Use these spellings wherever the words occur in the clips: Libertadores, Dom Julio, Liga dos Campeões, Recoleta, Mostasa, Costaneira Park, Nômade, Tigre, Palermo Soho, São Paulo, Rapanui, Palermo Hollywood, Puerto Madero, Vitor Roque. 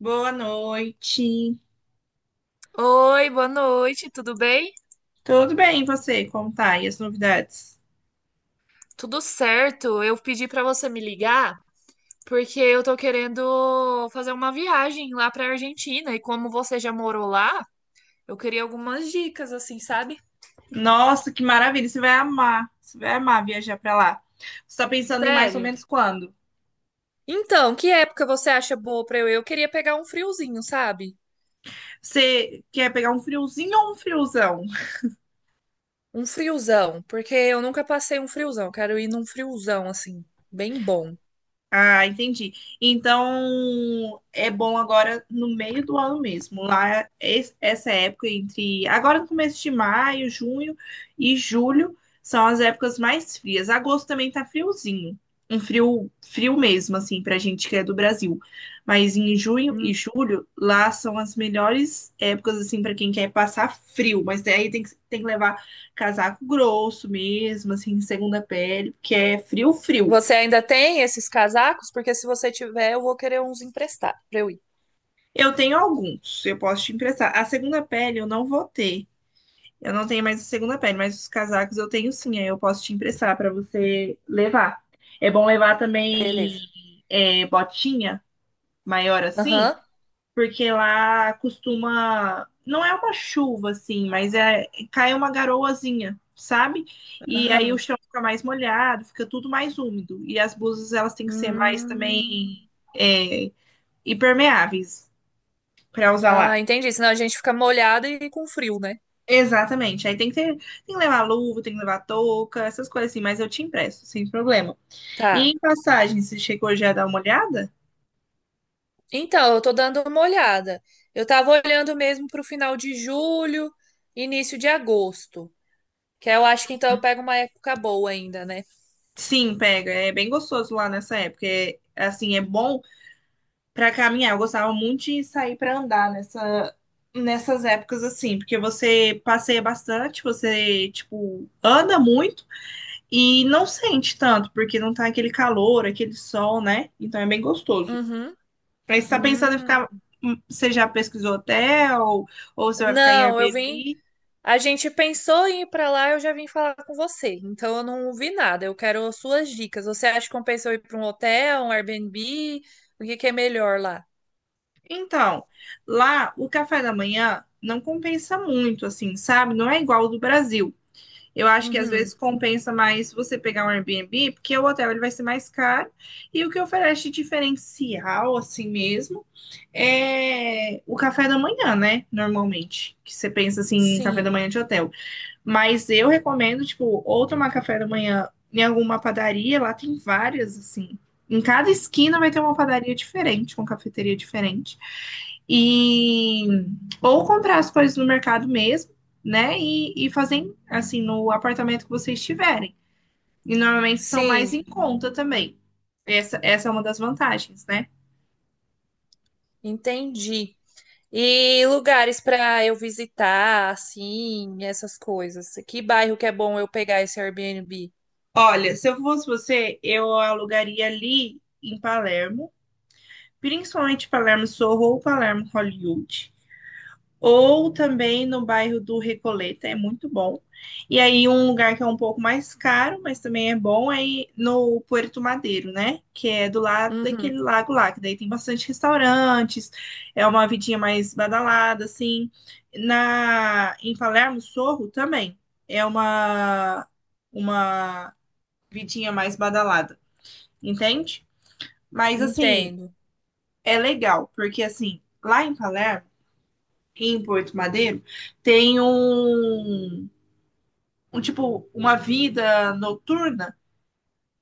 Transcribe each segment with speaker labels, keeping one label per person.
Speaker 1: Boa noite.
Speaker 2: Oi, boa noite, tudo bem?
Speaker 1: Tudo bem, e você? Como tá? E as novidades?
Speaker 2: Tudo certo. Eu pedi para você me ligar porque eu tô querendo fazer uma viagem lá para Argentina e como você já morou lá, eu queria algumas dicas assim, sabe?
Speaker 1: Nossa, que maravilha! Você vai amar. Você vai amar viajar pra lá. Você tá pensando em mais ou
Speaker 2: Sério.
Speaker 1: menos quando?
Speaker 2: Então, que época você acha boa para eu ir? Eu queria pegar um friozinho, sabe?
Speaker 1: Você quer pegar um friozinho ou um friozão?
Speaker 2: Um friozão, porque eu nunca passei um friozão. Eu Quero ir num friozão assim, bem bom.
Speaker 1: Ah, entendi. Então, é bom agora no meio do ano mesmo. Lá, essa época entre agora no começo de maio, junho e julho são as épocas mais frias. Agosto também tá friozinho. Um frio, frio mesmo, assim, pra gente que é do Brasil. Mas em junho e
Speaker 2: Hum.
Speaker 1: julho, lá são as melhores épocas, assim, pra quem quer passar frio. Mas daí tem que levar casaco grosso mesmo, assim, segunda pele, porque é frio, frio.
Speaker 2: Você ainda tem esses casacos? Porque se você tiver, eu vou querer uns emprestar para eu ir.
Speaker 1: Eu tenho alguns, eu posso te emprestar. A segunda pele eu não vou ter. Eu não tenho mais a segunda pele, mas os casacos eu tenho sim, aí eu posso te emprestar para você levar. É bom levar também
Speaker 2: Beleza.
Speaker 1: botinha maior assim,
Speaker 2: Aham.
Speaker 1: porque lá costuma. Não é uma chuva assim, mas é cai uma garoazinha, sabe? E aí o
Speaker 2: Aham.
Speaker 1: chão fica mais molhado, fica tudo mais úmido. E as blusas elas têm que ser mais também
Speaker 2: Hum.
Speaker 1: é, impermeáveis para usar
Speaker 2: Ah,
Speaker 1: lá.
Speaker 2: entendi. Senão a gente fica molhada e com frio, né?
Speaker 1: Exatamente. Aí tem que ter, tem que levar luva, tem que levar touca, essas coisas assim, mas eu te empresto, sem problema. E
Speaker 2: Tá.
Speaker 1: em passagem, você chegou já a dar uma olhada?
Speaker 2: Então, eu tô dando uma olhada. Eu tava olhando mesmo pro final de julho, início de agosto. Que eu acho que então eu pego uma época boa ainda, né?
Speaker 1: Sim, pega. É bem gostoso lá nessa época. É, assim, é bom pra caminhar. Eu gostava muito de sair pra andar nessas épocas assim, porque você passeia bastante, você tipo anda muito e não sente tanto, porque não tá aquele calor, aquele sol, né? Então é bem gostoso.
Speaker 2: Uhum.
Speaker 1: Aí você está pensando em ficar.
Speaker 2: Hum.
Speaker 1: Você já pesquisou hotel? Ou você vai ficar em
Speaker 2: Não, eu vim.
Speaker 1: Airbnb?
Speaker 2: A gente pensou em ir pra lá, eu já vim falar com você. Então eu não vi nada. Eu quero suas dicas. Você acha que compensa eu ir pra um hotel, um Airbnb? O que que é melhor lá?
Speaker 1: Então, lá o café da manhã não compensa muito, assim, sabe? Não é igual ao do Brasil. Eu acho que às
Speaker 2: Uhum.
Speaker 1: vezes compensa mais você pegar um Airbnb, porque o hotel ele vai ser mais caro. E o que oferece de diferencial, assim mesmo, é o café da manhã, né? Normalmente. Que você pensa assim, em café da
Speaker 2: Sim,
Speaker 1: manhã de hotel. Mas eu recomendo, tipo, ou tomar café da manhã em alguma padaria, lá tem várias, assim. Em cada esquina vai ter uma padaria diferente, uma cafeteria diferente. E ou comprar as coisas no mercado mesmo, né? E fazer assim no apartamento que vocês tiverem. E normalmente são mais
Speaker 2: sim,
Speaker 1: em conta também. Essa é uma das vantagens, né?
Speaker 2: entendi. E lugares pra eu visitar, assim, essas coisas. Que bairro que é bom eu pegar esse Airbnb?
Speaker 1: Olha, se eu fosse você, eu alugaria ali em Palermo, principalmente Palermo Sorro ou Palermo Hollywood. Ou também no bairro do Recoleta, é muito bom. E aí um lugar que é um pouco mais caro, mas também é bom, é no Puerto Madeiro, né? Que é do lado
Speaker 2: Uhum,
Speaker 1: daquele lago lá, que daí tem bastante restaurantes, é uma vidinha mais badalada, assim. Em Palermo, Sorro também é uma vidinha mais badalada, entende? Mas assim,
Speaker 2: entendo.
Speaker 1: é legal, porque assim, lá em Palermo em Porto Madeiro tem um tipo uma vida noturna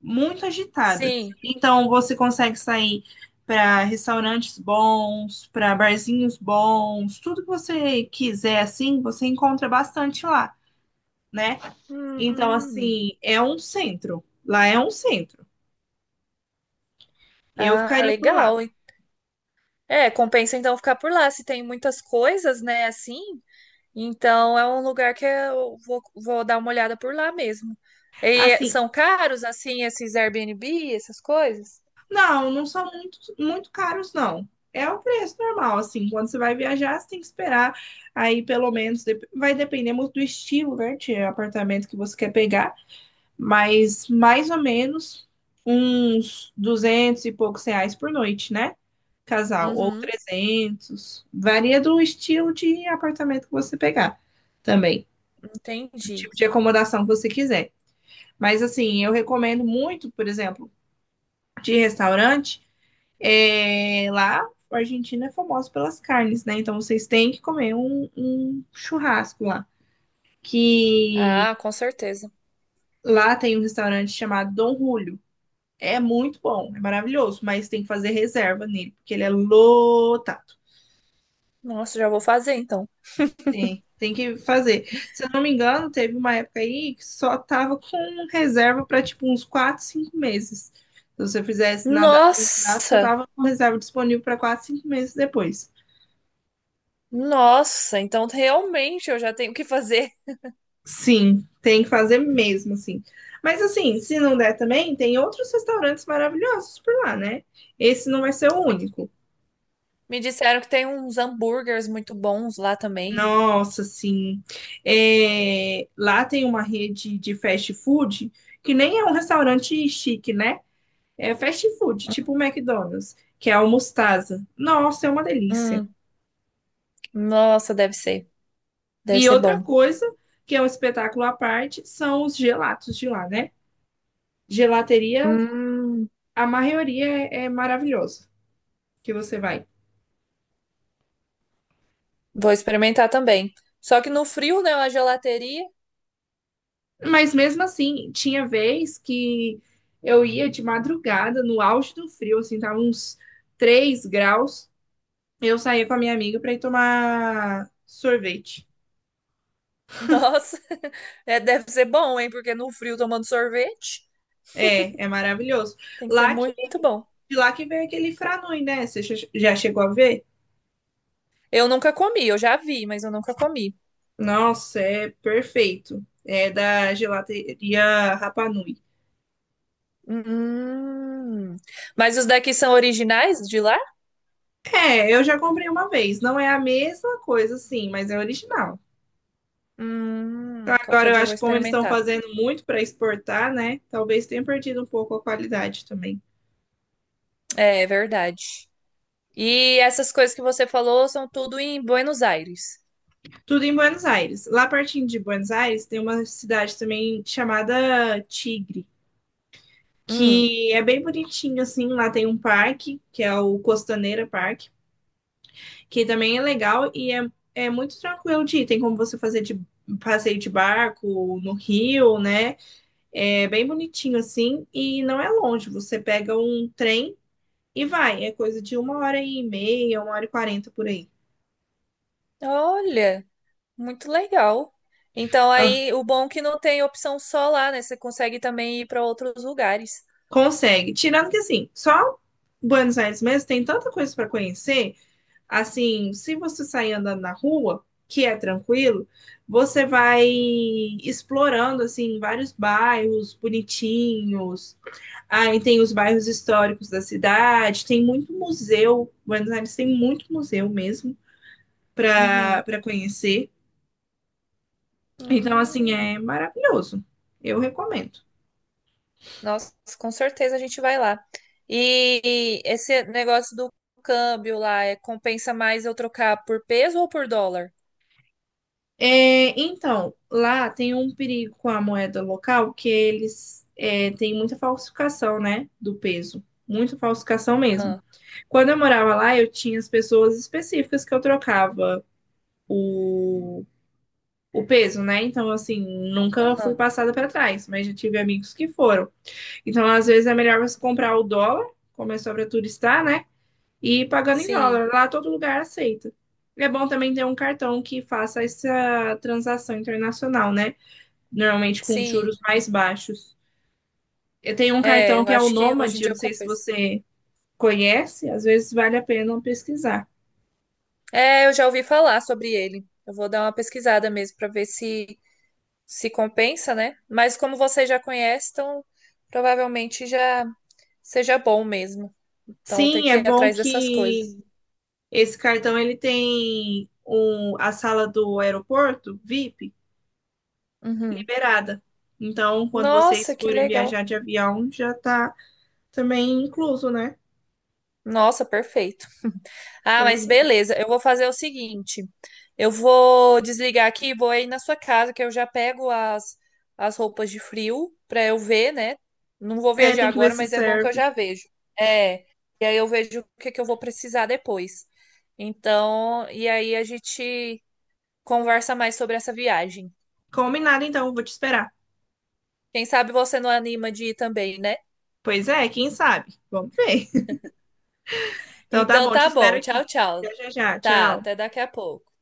Speaker 1: muito agitada.
Speaker 2: Sim.
Speaker 1: Então você consegue sair para restaurantes bons, para barzinhos bons, tudo que você quiser assim, você encontra bastante lá, né? Então
Speaker 2: Hum.
Speaker 1: assim, é um centro. Lá é um centro. Eu
Speaker 2: Ah,
Speaker 1: ficaria por lá.
Speaker 2: legal. É, compensa então ficar por lá, se tem muitas coisas, né, assim. Então é um lugar que eu vou dar uma olhada por lá mesmo. E
Speaker 1: Assim,
Speaker 2: são caros, assim, esses Airbnb, essas coisas?
Speaker 1: não, não são muito, muito caros, não. É o preço normal, assim. Quando você vai viajar, você tem que esperar. Aí, pelo menos, vai depender muito do estilo, né? De apartamento que você quer pegar. Mas, mais ou menos, uns 200 e poucos reais por noite, né? Casal. Ou
Speaker 2: Uhum,
Speaker 1: 300. Varia do estilo de apartamento que você pegar também. O
Speaker 2: entendi.
Speaker 1: tipo de acomodação que você quiser. Mas, assim, eu recomendo muito, por exemplo, de restaurante. É, lá, a Argentina é famosa pelas carnes, né? Então vocês têm que comer um churrasco lá. Que
Speaker 2: Ah, com certeza.
Speaker 1: lá tem um restaurante chamado Dom Julio. É muito bom, é maravilhoso, mas tem que fazer reserva nele, porque ele é lotado.
Speaker 2: Nossa, já vou fazer então.
Speaker 1: Tem que fazer. Se eu não me engano, teve uma época aí que só tava com reserva para tipo uns 4, 5 meses. Se você fizesse nada em contrato, só
Speaker 2: Nossa!
Speaker 1: tava com reserva disponível para 4, 5 meses depois.
Speaker 2: Nossa, então realmente eu já tenho o que fazer.
Speaker 1: Sim, tem que fazer mesmo, assim. Mas assim, se não der também, tem outros restaurantes maravilhosos por lá, né? Esse não vai ser o
Speaker 2: Me
Speaker 1: único.
Speaker 2: me disseram que tem uns hambúrgueres muito bons lá também.
Speaker 1: Nossa, sim. É, lá tem uma rede de fast food que nem é um restaurante chique, né? É fast food, tipo o McDonald's, que é o Mostasa. Nossa, é uma delícia.
Speaker 2: Hum, nossa, deve ser. Deve
Speaker 1: E
Speaker 2: ser
Speaker 1: outra
Speaker 2: bom.
Speaker 1: coisa, que é um espetáculo à parte, são os gelatos de lá, né? Gelateria,
Speaker 2: Hum.
Speaker 1: a maioria é maravilhosa que você vai.
Speaker 2: Vou experimentar também. Só que no frio, né, uma gelateria,
Speaker 1: Mas mesmo assim, tinha vez que eu ia de madrugada, no auge do frio, assim, tava uns 3 graus. Eu saía com a minha amiga para ir tomar sorvete.
Speaker 2: nossa, é, deve ser bom, hein? Porque no frio tomando sorvete
Speaker 1: É maravilhoso.
Speaker 2: tem que ser
Speaker 1: Lá que,
Speaker 2: muito bom.
Speaker 1: de lá que vem aquele franui, né? Você já chegou a ver?
Speaker 2: Eu nunca comi, eu já vi, mas eu nunca comi.
Speaker 1: Nossa, é perfeito. É da gelateria Rapanui.
Speaker 2: Hum. Mas os daqui são originais de lá?
Speaker 1: É, eu já comprei uma vez. Não é a mesma coisa, sim, mas é original. Agora,
Speaker 2: Qualquer
Speaker 1: eu
Speaker 2: dia eu vou
Speaker 1: acho que como eles estão
Speaker 2: experimentar.
Speaker 1: fazendo muito para exportar, né? Talvez tenha perdido um pouco a qualidade também.
Speaker 2: É, é verdade. E essas coisas que você falou são tudo em Buenos Aires.
Speaker 1: Tudo em Buenos Aires. Lá pertinho de Buenos Aires tem uma cidade também chamada Tigre,
Speaker 2: Hum.
Speaker 1: que é bem bonitinho assim. Lá tem um parque, que é o Costaneira Park, que também é legal e é, é muito tranquilo de ir. Tem como você fazer de passeio de barco no rio, né? É bem bonitinho assim e não é longe. Você pega um trem e vai, é coisa de uma hora e meia, uma hora e quarenta por aí.
Speaker 2: Olha. Muito legal. Então
Speaker 1: Ah,
Speaker 2: aí o bom é que não tem opção só lá, né? Você consegue também ir para outros lugares.
Speaker 1: consegue. Tirando que assim, só Buenos Aires mesmo tem tanta coisa para conhecer, assim, se você sair andando na rua, que é tranquilo, você vai explorando assim vários bairros bonitinhos. Aí tem os bairros históricos da cidade, tem muito museu. Buenos Aires tem muito museu mesmo para
Speaker 2: Uhum.
Speaker 1: para conhecer. Então assim
Speaker 2: Hum.
Speaker 1: é maravilhoso. Eu recomendo.
Speaker 2: Nossa, com certeza a gente vai lá. E esse negócio do câmbio lá, é, compensa mais eu trocar por peso ou por dólar?
Speaker 1: É, então, lá tem um perigo com a moeda local que eles têm muita falsificação, né, do peso. Muita falsificação mesmo.
Speaker 2: Ah,
Speaker 1: Quando eu morava lá, eu tinha as pessoas específicas que eu trocava o, o peso, né? Então, assim, nunca fui
Speaker 2: aham.
Speaker 1: passada para trás, mas já tive amigos que foram. Então, às vezes é melhor você comprar o dólar, como é só para turistar, né? E ir pagando em
Speaker 2: Sim,
Speaker 1: dólar. Lá todo lugar aceita. É bom também ter um cartão que faça essa transação internacional, né? Normalmente com os
Speaker 2: sim.
Speaker 1: juros mais baixos. Eu tenho um
Speaker 2: É,
Speaker 1: cartão
Speaker 2: eu
Speaker 1: que é o
Speaker 2: acho que hoje em
Speaker 1: Nômade, eu
Speaker 2: dia
Speaker 1: não sei se
Speaker 2: compensa.
Speaker 1: você conhece, às vezes vale a pena pesquisar.
Speaker 2: É, eu já ouvi falar sobre ele. Eu vou dar uma pesquisada mesmo para ver se compensa, né? Mas como você já conhece, então provavelmente já seja bom mesmo. Então eu tenho
Speaker 1: Sim, é
Speaker 2: que ir
Speaker 1: bom
Speaker 2: atrás dessas
Speaker 1: que
Speaker 2: coisas.
Speaker 1: esse cartão ele tem a sala do aeroporto VIP
Speaker 2: Uhum.
Speaker 1: liberada. Então, quando vocês
Speaker 2: Nossa, que
Speaker 1: forem
Speaker 2: legal.
Speaker 1: viajar de avião, já tá também incluso, né?
Speaker 2: Nossa, perfeito. Ah, mas
Speaker 1: Pois é.
Speaker 2: beleza. Eu vou fazer o seguinte. Eu vou desligar aqui e vou aí na sua casa, que eu já pego as roupas de frio para eu ver, né? Não vou
Speaker 1: É,
Speaker 2: viajar
Speaker 1: tem que ver
Speaker 2: agora,
Speaker 1: se
Speaker 2: mas é bom que eu
Speaker 1: serve.
Speaker 2: já vejo. É. E aí eu vejo o que que eu vou precisar depois. Então, e aí a gente conversa mais sobre essa viagem.
Speaker 1: Combinado, então, vou te esperar.
Speaker 2: Quem sabe você não anima de ir também, né?
Speaker 1: Pois é, quem sabe? Vamos ver. Então tá
Speaker 2: Então
Speaker 1: bom, te
Speaker 2: tá
Speaker 1: espero
Speaker 2: bom. Tchau,
Speaker 1: aqui.
Speaker 2: tchau.
Speaker 1: Já, já, já.
Speaker 2: Tá,
Speaker 1: Tchau.
Speaker 2: até daqui a pouco.